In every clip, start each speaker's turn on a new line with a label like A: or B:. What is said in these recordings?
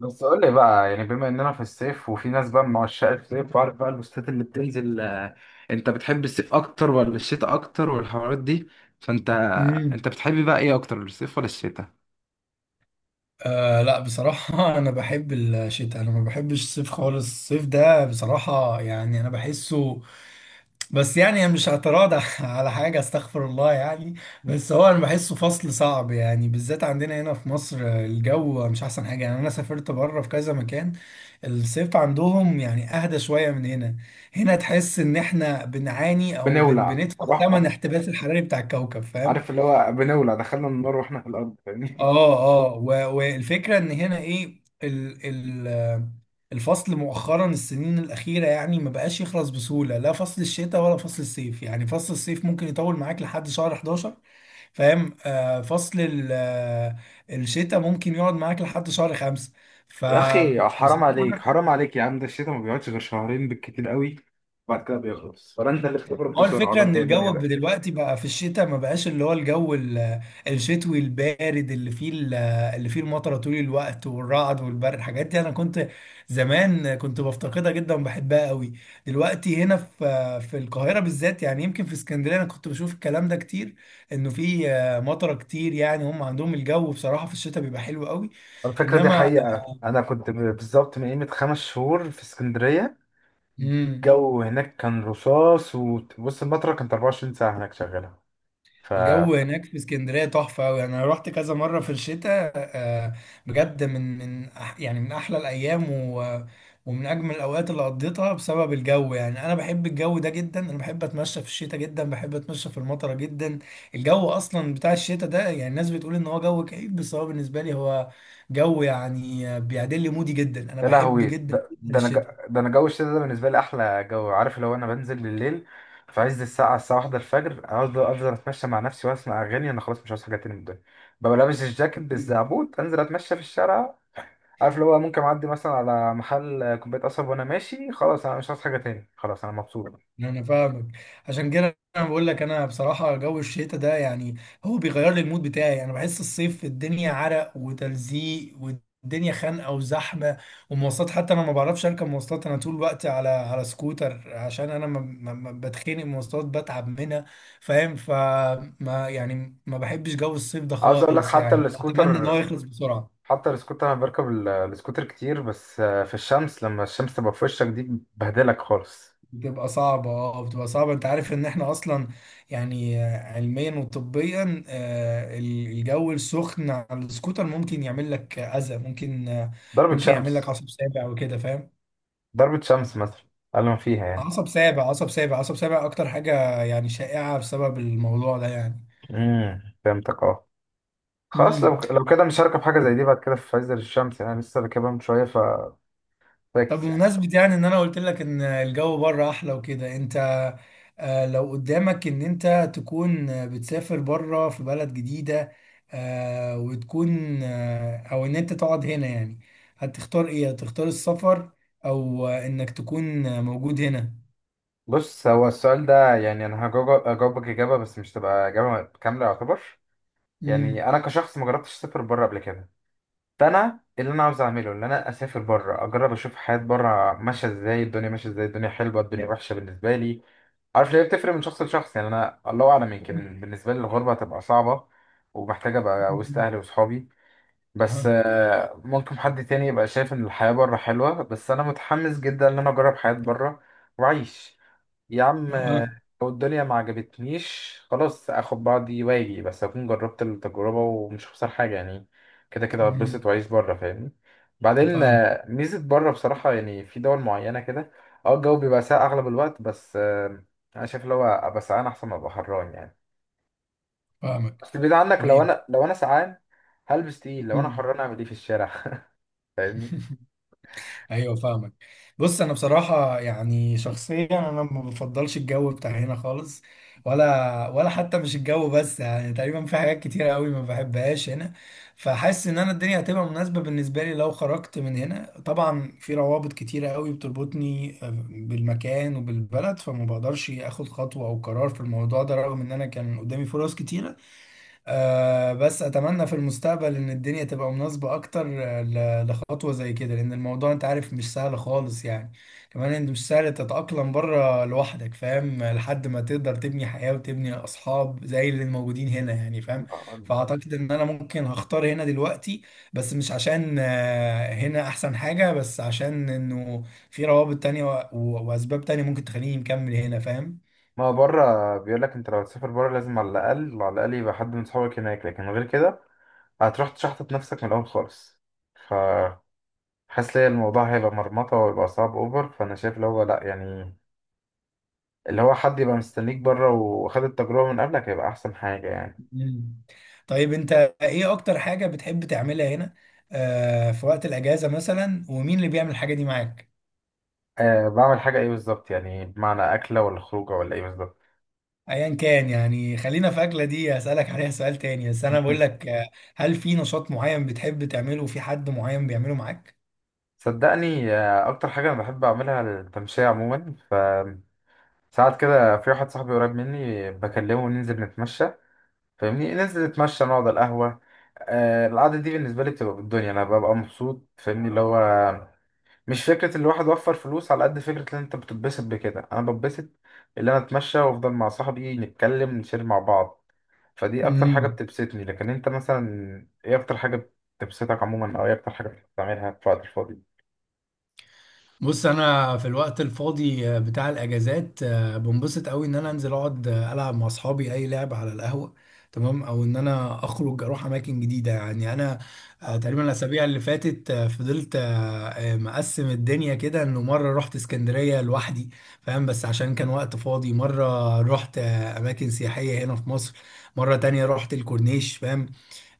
A: بس قول لي بقى، يعني بما اننا في الصيف وفي ناس بقى من عشاق الصيف، وعارف بقى البوستات اللي بتنزل، انت بتحب الصيف اكتر ولا الشتاء اكتر والحوارات دي؟ فانت
B: امم
A: انت بتحب بقى ايه اكتر، الصيف ولا الشتاء؟
B: آه لا بصراحة أنا بحب الشتاء. أنا ما بحبش الصيف خالص. الصيف ده بصراحة يعني أنا بحسه، بس يعني أنا مش اعتراض على حاجة، استغفر الله يعني. بس هو أنا بحسه فصل صعب يعني، بالذات عندنا هنا في مصر، الجو مش أحسن حاجة. يعني أنا سافرت بره في كذا مكان، الصيف عندهم يعني أهدى شوية من هنا. هنا تحس إن إحنا بنعاني أو
A: بنولع
B: بندفع ثمن
A: روح.
B: الاحتباس الحراري بتاع الكوكب، فاهم.
A: عارف اللي هو بنولع، دخلنا النار واحنا في الارض، فاهمني؟
B: اه. والفكره ان هنا ايه ال ال الفصل مؤخرا، السنين الاخيره يعني ما بقاش يخلص بسهوله، لا فصل الشتاء ولا فصل الصيف. يعني فصل الصيف ممكن يطول معاك لحد شهر 11، فاهم. آه فصل ال- آه، الشتاء ممكن يقعد معاك لحد شهر 5
A: يا اخي حرام عليك
B: فبصراحه.
A: حرام عليك يا عم، ده الشتاء ما بيقعدش غير شهرين بالكتير قوي، وبعد كده بيخلص. ولا انت اللي بتبرد
B: ما هو
A: بسرعه، ولا
B: الفكرة
A: انت
B: إن
A: ايه الدنيا
B: الجو
A: ده؟
B: دلوقتي بقى في الشتاء ما بقاش اللي هو الشتوي البارد، اللي فيه المطرة طول الوقت والرعد والبرد، الحاجات دي أنا كنت، زمان كنت بفتقدها جدا وبحبها قوي. دلوقتي هنا في القاهرة بالذات، يعني يمكن في اسكندرية أنا كنت بشوف الكلام ده كتير، إنه فيه مطرة كتير. يعني هم عندهم الجو بصراحة في الشتاء بيبقى حلو قوي،
A: الفكرة دي
B: إنما
A: حقيقة، أنا كنت بالظبط من قيمة 5 شهور في اسكندرية.
B: مم.
A: الجو هناك كان رصاص، وبص المطرة كانت 24 ساعة هناك شغالة. ف
B: الجو هناك في اسكندرية تحفة أوي. أنا رحت كذا مرة في الشتاء، بجد يعني من أحلى الأيام ومن أجمل الأوقات اللي قضيتها بسبب الجو. يعني أنا بحب الجو ده جدا، أنا بحب أتمشى في الشتاء جدا، بحب أتمشى في المطرة جدا. الجو أصلا بتاع الشتاء ده يعني الناس بتقول إن هو جو كئيب، بس هو بالنسبة لي هو جو يعني بيعدل لي مودي جدا. أنا
A: يا
B: بحب
A: لهوي
B: جدا
A: ده,
B: جدا
A: ده انا ج-
B: الشتاء.
A: ده انا جو الشتا ده بالنسبة لي احلى جو. عارف، لو انا بنزل بالليل في عز الساعة واحدة الفجر، اقعد افضل اتمشى مع نفسي واسمع اغاني، انا خلاص مش عاوز حاجة تاني من الدنيا. ببقى لابس الجاكيت بالزعبوت، انزل اتمشى في الشارع. عارف اللي هو، ممكن اعدي مثلا على محل كوباية قصب وانا ماشي، خلاص انا مش عاوز حاجة تاني، خلاص انا مبسوط.
B: انا فاهمك. عشان كده انا بقول لك انا بصراحه جو الشتاء ده يعني هو بيغير لي المود بتاعي. انا بحس الصيف الدنيا عرق وتلزيق والدنيا خانقه وزحمه ومواصلات. حتى انا ما بعرفش اركب مواصلات، انا طول الوقت على سكوتر عشان انا ما بتخنق من المواصلات، بتعب منها، فاهم. فما يعني ما بحبش جو الصيف ده
A: عاوز اقول لك
B: خالص،
A: حتى
B: يعني بتمنى ان هو
A: السكوتر،
B: يخلص بسرعه.
A: انا بركب السكوتر كتير، بس في الشمس لما الشمس تبقى في وشك دي بهدلك خالص.
B: بتبقى صعبة، اه بتبقى صعبة. انت عارف ان احنا اصلا يعني، علميا وطبيا، الجو السخن على السكوتر ممكن يعمل لك اذى، ممكن،
A: ضربة
B: ممكن يعمل لك
A: شمس.
B: عصب سابع وكده، فاهم.
A: مثلا، اقل ما فيها يعني.
B: عصب سابع اكتر حاجة يعني شائعة بسبب الموضوع ده يعني.
A: فهمتك، اه. خلاص
B: إمم.
A: لو كده، مش هركب حاجة زي دي بعد كده في عز الشمس، يعني أنا لسه راكبها من شوية ففاكس
B: طب
A: يعني.
B: بمناسبة يعني ان انا قلت لك ان الجو بره احلى وكده، انت لو قدامك ان انت تكون بتسافر بره في بلد جديدة، آه، وتكون آه، او ان انت تقعد هنا، يعني هتختار ايه؟ هتختار السفر او انك تكون موجود هنا؟
A: بص، هو السؤال ده يعني، انا هجاوبك اجابة، بس مش تبقى اجابة كاملة يعتبر. يعني
B: امم.
A: انا كشخص ما جربتش اسافر بره قبل كده، فانا اللي انا عاوز اعمله ان انا اسافر بره، اجرب اشوف حياه بره ماشيه ازاي، الدنيا ماشيه ازاي، الدنيا حلوه الدنيا وحشه بالنسبه لي. عارف ليه؟ بتفرق من شخص لشخص. يعني انا الله اعلم، يمكن بالنسبه لي الغربه هتبقى صعبه ومحتاجه ابقى وسط اهلي وصحابي. بس
B: اه.
A: ممكن حد تاني يبقى شايف ان الحياه بره حلوه، بس انا متحمس جدا ان انا اجرب حياه بره واعيش. يا عم،
B: اه.
A: لو الدنيا ما عجبتنيش خلاص اخد بعضي واجي، بس اكون جربت التجربة ومش هخسر حاجة يعني. كده كده هتبسط
B: أمم.
A: واعيش بره، فاهمني. بعدين
B: فاهمك.
A: ميزة بره بصراحة، يعني في دول معينة كده، اه الجو بيبقى ساقع اغلب الوقت. بس انا شايف اللي هو، ابقى سقعان احسن ما ابقى حران يعني.
B: فاهمك.
A: اصل البيت عندك، لو
B: طيب.
A: انا لو انا سقعان هلبس تقيل، لو انا
B: مم.
A: حران اعمل ايه في الشارع؟ فاهمني.
B: ايوه فاهمك. بص انا بصراحه يعني شخصيا انا ما بفضلش الجو بتاع هنا خالص، ولا حتى مش الجو بس، يعني تقريبا في حاجات كتيره قوي ما بحبهاش هنا. فحاسس ان انا الدنيا هتبقى مناسبه بالنسبه لي لو خرجت من هنا. طبعا في روابط كتيره قوي بتربطني بالمكان وبالبلد، فما بقدرش اخد خطوه او قرار في الموضوع ده رغم ان انا كان قدامي فرص كتيره. آه بس اتمنى في المستقبل ان الدنيا تبقى مناسبة اكتر، لخطوة زي كده، لان الموضوع انت عارف مش سهل خالص يعني. كمان انت مش سهل تتأقلم بره لوحدك، فاهم، لحد ما تقدر تبني حياة وتبني اصحاب زي اللي موجودين هنا يعني، فاهم. فاعتقد ان انا ممكن هختار هنا دلوقتي، بس مش عشان هنا احسن حاجة، بس عشان انه في روابط تانية واسباب تانية ممكن تخليني مكمل هنا، فاهم.
A: ما هو بره بيقول لك، انت لو هتسافر بره لازم على الاقل على الاقل يبقى حد من صحابك هناك، لكن غير كده هتروح تشحطط نفسك من الأول خالص. ف حاسس ليا الموضوع هيبقى مرمطة ويبقى صعب أوفر، فأنا شايف اللي هو لأ يعني. اللي هو حد يبقى مستنيك بره وخد التجربة من قبلك هيبقى أحسن حاجة يعني.
B: مم. طيب انت ايه اكتر حاجة بتحب تعملها هنا آه في وقت الاجازة مثلا، ومين اللي بيعمل الحاجة دي معاك؟
A: أه بعمل حاجة إيه بالظبط، يعني بمعنى أكلة ولا خروجة ولا إيه بالظبط؟
B: ايا كان يعني، خلينا في اكلة، دي هسألك عليها سؤال تاني، بس انا بقول لك هل في نشاط معين بتحب تعمله وفي حد معين بيعمله معاك؟
A: صدقني، أكتر حاجة أنا بحب أعملها التمشية عموما. ف ساعات كده، في واحد صاحبي قريب مني بكلمه ننزل نتمشى، فاهمني؟ ننزل نتمشى نقعد على القهوة. القعدة دي بالنسبة لي بتبقى بالدنيا، أنا ببقى مبسوط، فاهمني؟ اللي هو مش فكرة الواحد وفر فلوس، على قد فكرة ان انت بتتبسط بكده، انا بتبسط اللي انا اتمشى وافضل مع صاحبي نتكلم نشير مع بعض. فدي اكتر حاجة
B: مم.
A: بتبسطني. لكن انت مثلا، ايه اكتر حاجة بتبسطك عموما، او ايه اكتر حاجة بتعملها في وقت الفاضي؟
B: بص انا في الوقت الفاضي، بتاع الاجازات، بنبسط قوي ان انا انزل اقعد، العب مع اصحابي اي لعب على القهوه، تمام، او ان انا اخرج اروح اماكن جديده. يعني انا تقريبا الاسابيع اللي فاتت، آه، فضلت آه، آه، مقسم الدنيا كده، انه مره رحت اسكندريه لوحدي، فاهم، بس عشان كان وقت فاضي، مره رحت اماكن سياحيه هنا في مصر، مره تانية رحت الكورنيش، فاهم.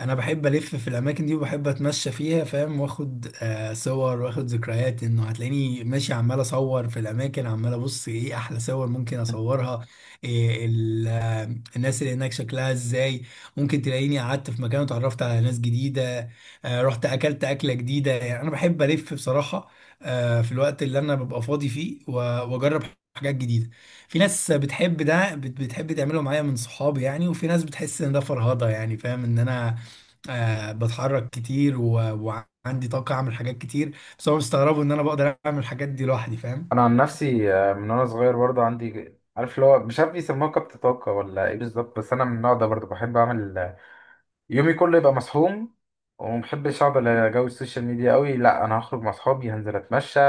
B: انا بحب الف في الاماكن دي وبحب اتمشى فيها، فاهم، واخد آه صور واخد ذكريات. انه هتلاقيني ماشي عمال اصور في الاماكن، عمال ابص ايه احلى صور ممكن اصورها، إيه ال- آه، الناس اللي هناك شكلها ازاي. ممكن تلاقيني قعدت في مكان وتعرفت على ناس جديده، آه رحت اكلت اكله جديده. يعني انا بحب الف بصراحه في الوقت اللي انا ببقى فاضي فيه واجرب حاجات جديده. في ناس بتحب ده بتحب تعمله معايا من صحابي يعني، وفي ناس بتحس ان ده فرهضه يعني، فاهم، ان انا آه بتحرك كتير وعندي طاقة أعمل حاجات كتير، بس هو مستغربوا إن أنا بقدر أعمل الحاجات دي لوحدي، فاهم.
A: انا عن نفسي، من وانا صغير برضه عندي، عارف اللي هو، مش عارف بيسموها كبت طاقة ولا ايه بالظبط، بس انا من النوع ده برضه، بحب اعمل يومي كله يبقى مسحوم. ومحبش اقعد على جو السوشيال ميديا قوي، لا انا هخرج مع اصحابي، هنزل اتمشى،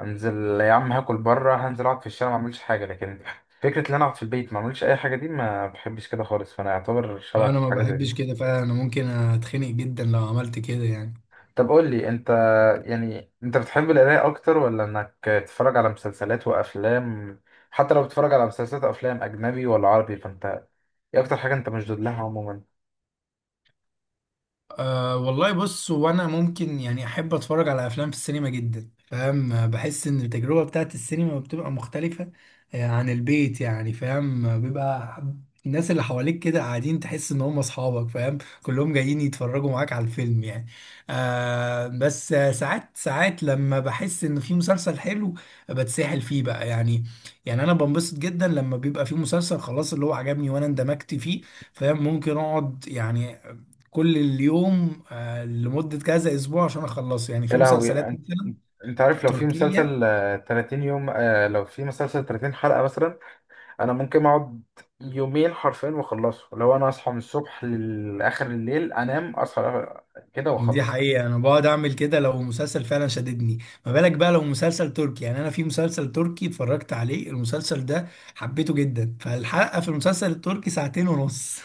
A: هنزل يا عم هاكل بره، هنزل اقعد في الشارع ما اعملش حاجه، لكن فكره ان انا اقعد في البيت ما اعملش اي حاجه دي، ما بحبش كده خالص. فانا اعتبر شبهك
B: أنا
A: في
B: ما
A: حاجه زي
B: بحبش
A: دي.
B: كده فعلا، أنا ممكن أتخنق جدا لو عملت كده يعني.
A: طب قول لي انت، يعني انت بتحب القرايه اكتر ولا انك تتفرج على مسلسلات وافلام؟ حتى لو بتتفرج على مسلسلات وافلام، اجنبي ولا عربي؟ فانت ايه اكتر حاجه انت مشدود لها عموما؟
B: أه والله بص، وانا ممكن يعني احب اتفرج على افلام في السينما جدا، فاهم، بحس ان التجربه بتاعت السينما بتبقى مختلفه عن البيت، يعني فاهم، بيبقى الناس اللي حواليك كده قاعدين، تحس ان هم اصحابك، فاهم، كلهم جايين يتفرجوا معاك على الفيلم يعني. أه بس ساعات لما بحس ان في مسلسل حلو بتسحل فيه بقى يعني. يعني انا بنبسط جدا لما بيبقى في مسلسل خلاص اللي هو عجبني وانا اندمجت فيه، فاهم. ممكن اقعد يعني كل اليوم، لمدة كذا أسبوع عشان أخلصه، يعني
A: يا
B: في
A: لهوي
B: مسلسلات
A: انت،
B: مثلا
A: انت عارف لو في
B: تركية.
A: مسلسل 30 يوم، لو في مسلسل 30 حلقة مثلا، انا ممكن اقعد يومين حرفيا واخلصه. لو انا اصحى من الصبح لاخر الليل، انام اصحى كده
B: دي
A: واخلص.
B: حقيقة أنا بقعد أعمل كده لو مسلسل فعلا شددني. ما بالك بقى لو مسلسل تركي؟ يعني أنا في مسلسل تركي اتفرجت عليه المسلسل ده حبيته جدا، فالحلقة في المسلسل التركي ساعتين ونص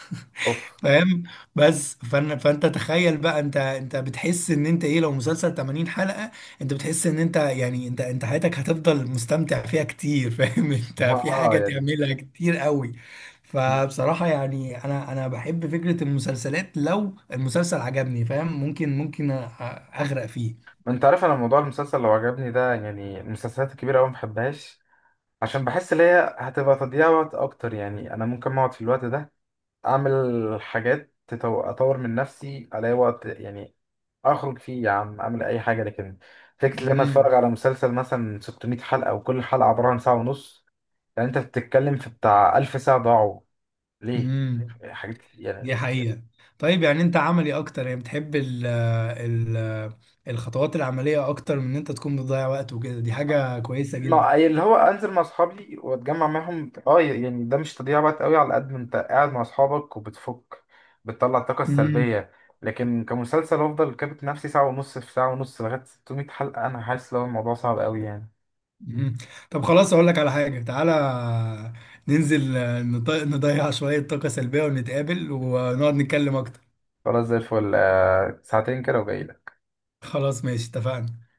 A: اوف.
B: فاهم. بس فأنا فانت تخيل بقى، انت بتحس ان انت ايه لو مسلسل 80 حلقة؟ انت بتحس ان انت يعني انت انت حياتك هتفضل مستمتع فيها كتير، فاهم، انت في
A: اه
B: حاجة
A: يعني،
B: تعملها كتير قوي. فبصراحة يعني انا بحب فكرة المسلسلات، لو المسلسل عجبني، فاهم، اغرق فيه.
A: ما انت عارف انا موضوع المسلسل لو عجبني ده، يعني المسلسلات الكبيرة أوي ما بحبهاش، عشان بحس ان هي هتبقى تضييع وقت اكتر. يعني انا ممكن اقعد في الوقت ده اعمل حاجات اطور من نفسي، الاقي وقت يعني اخرج فيه، يا عم اعمل اي حاجه. لكن فكره ان انا اتفرج
B: امم
A: على مسلسل مثلا 600 حلقه، وكل حلقه عباره عن ساعه ونص، يعني انت بتتكلم في بتاع 1000 ساعه ضاعوا ليه؟
B: امم
A: حاجات يعني.
B: دي حقيقة. طيب يعني انت عملي اكتر، يعني بتحب ال ال الخطوات العملية اكتر من ان انت تكون بتضيع وقت وكده، دي حاجة كويسة
A: ما
B: جدا.
A: أي اللي هو، انزل مع اصحابي واتجمع معاهم، اه يعني ده مش تضييع وقت قوي، على قد ما انت قاعد مع اصحابك وبتفك بتطلع الطاقه
B: مم.
A: السلبيه. لكن كمسلسل، افضل كابت نفسي ساعه ونص في ساعه ونص لغايه 600 حلقه، انا حاسس لو الموضوع صعب قوي يعني.
B: مم. طب خلاص اقول لك على حاجة، تعالى ننزل، نضيع شوية طاقة سلبية ونتقابل ونقعد نتكلم اكتر.
A: خلاص زي الفل، ساعتين كده وجاي.
B: خلاص ماشي، اتفقنا.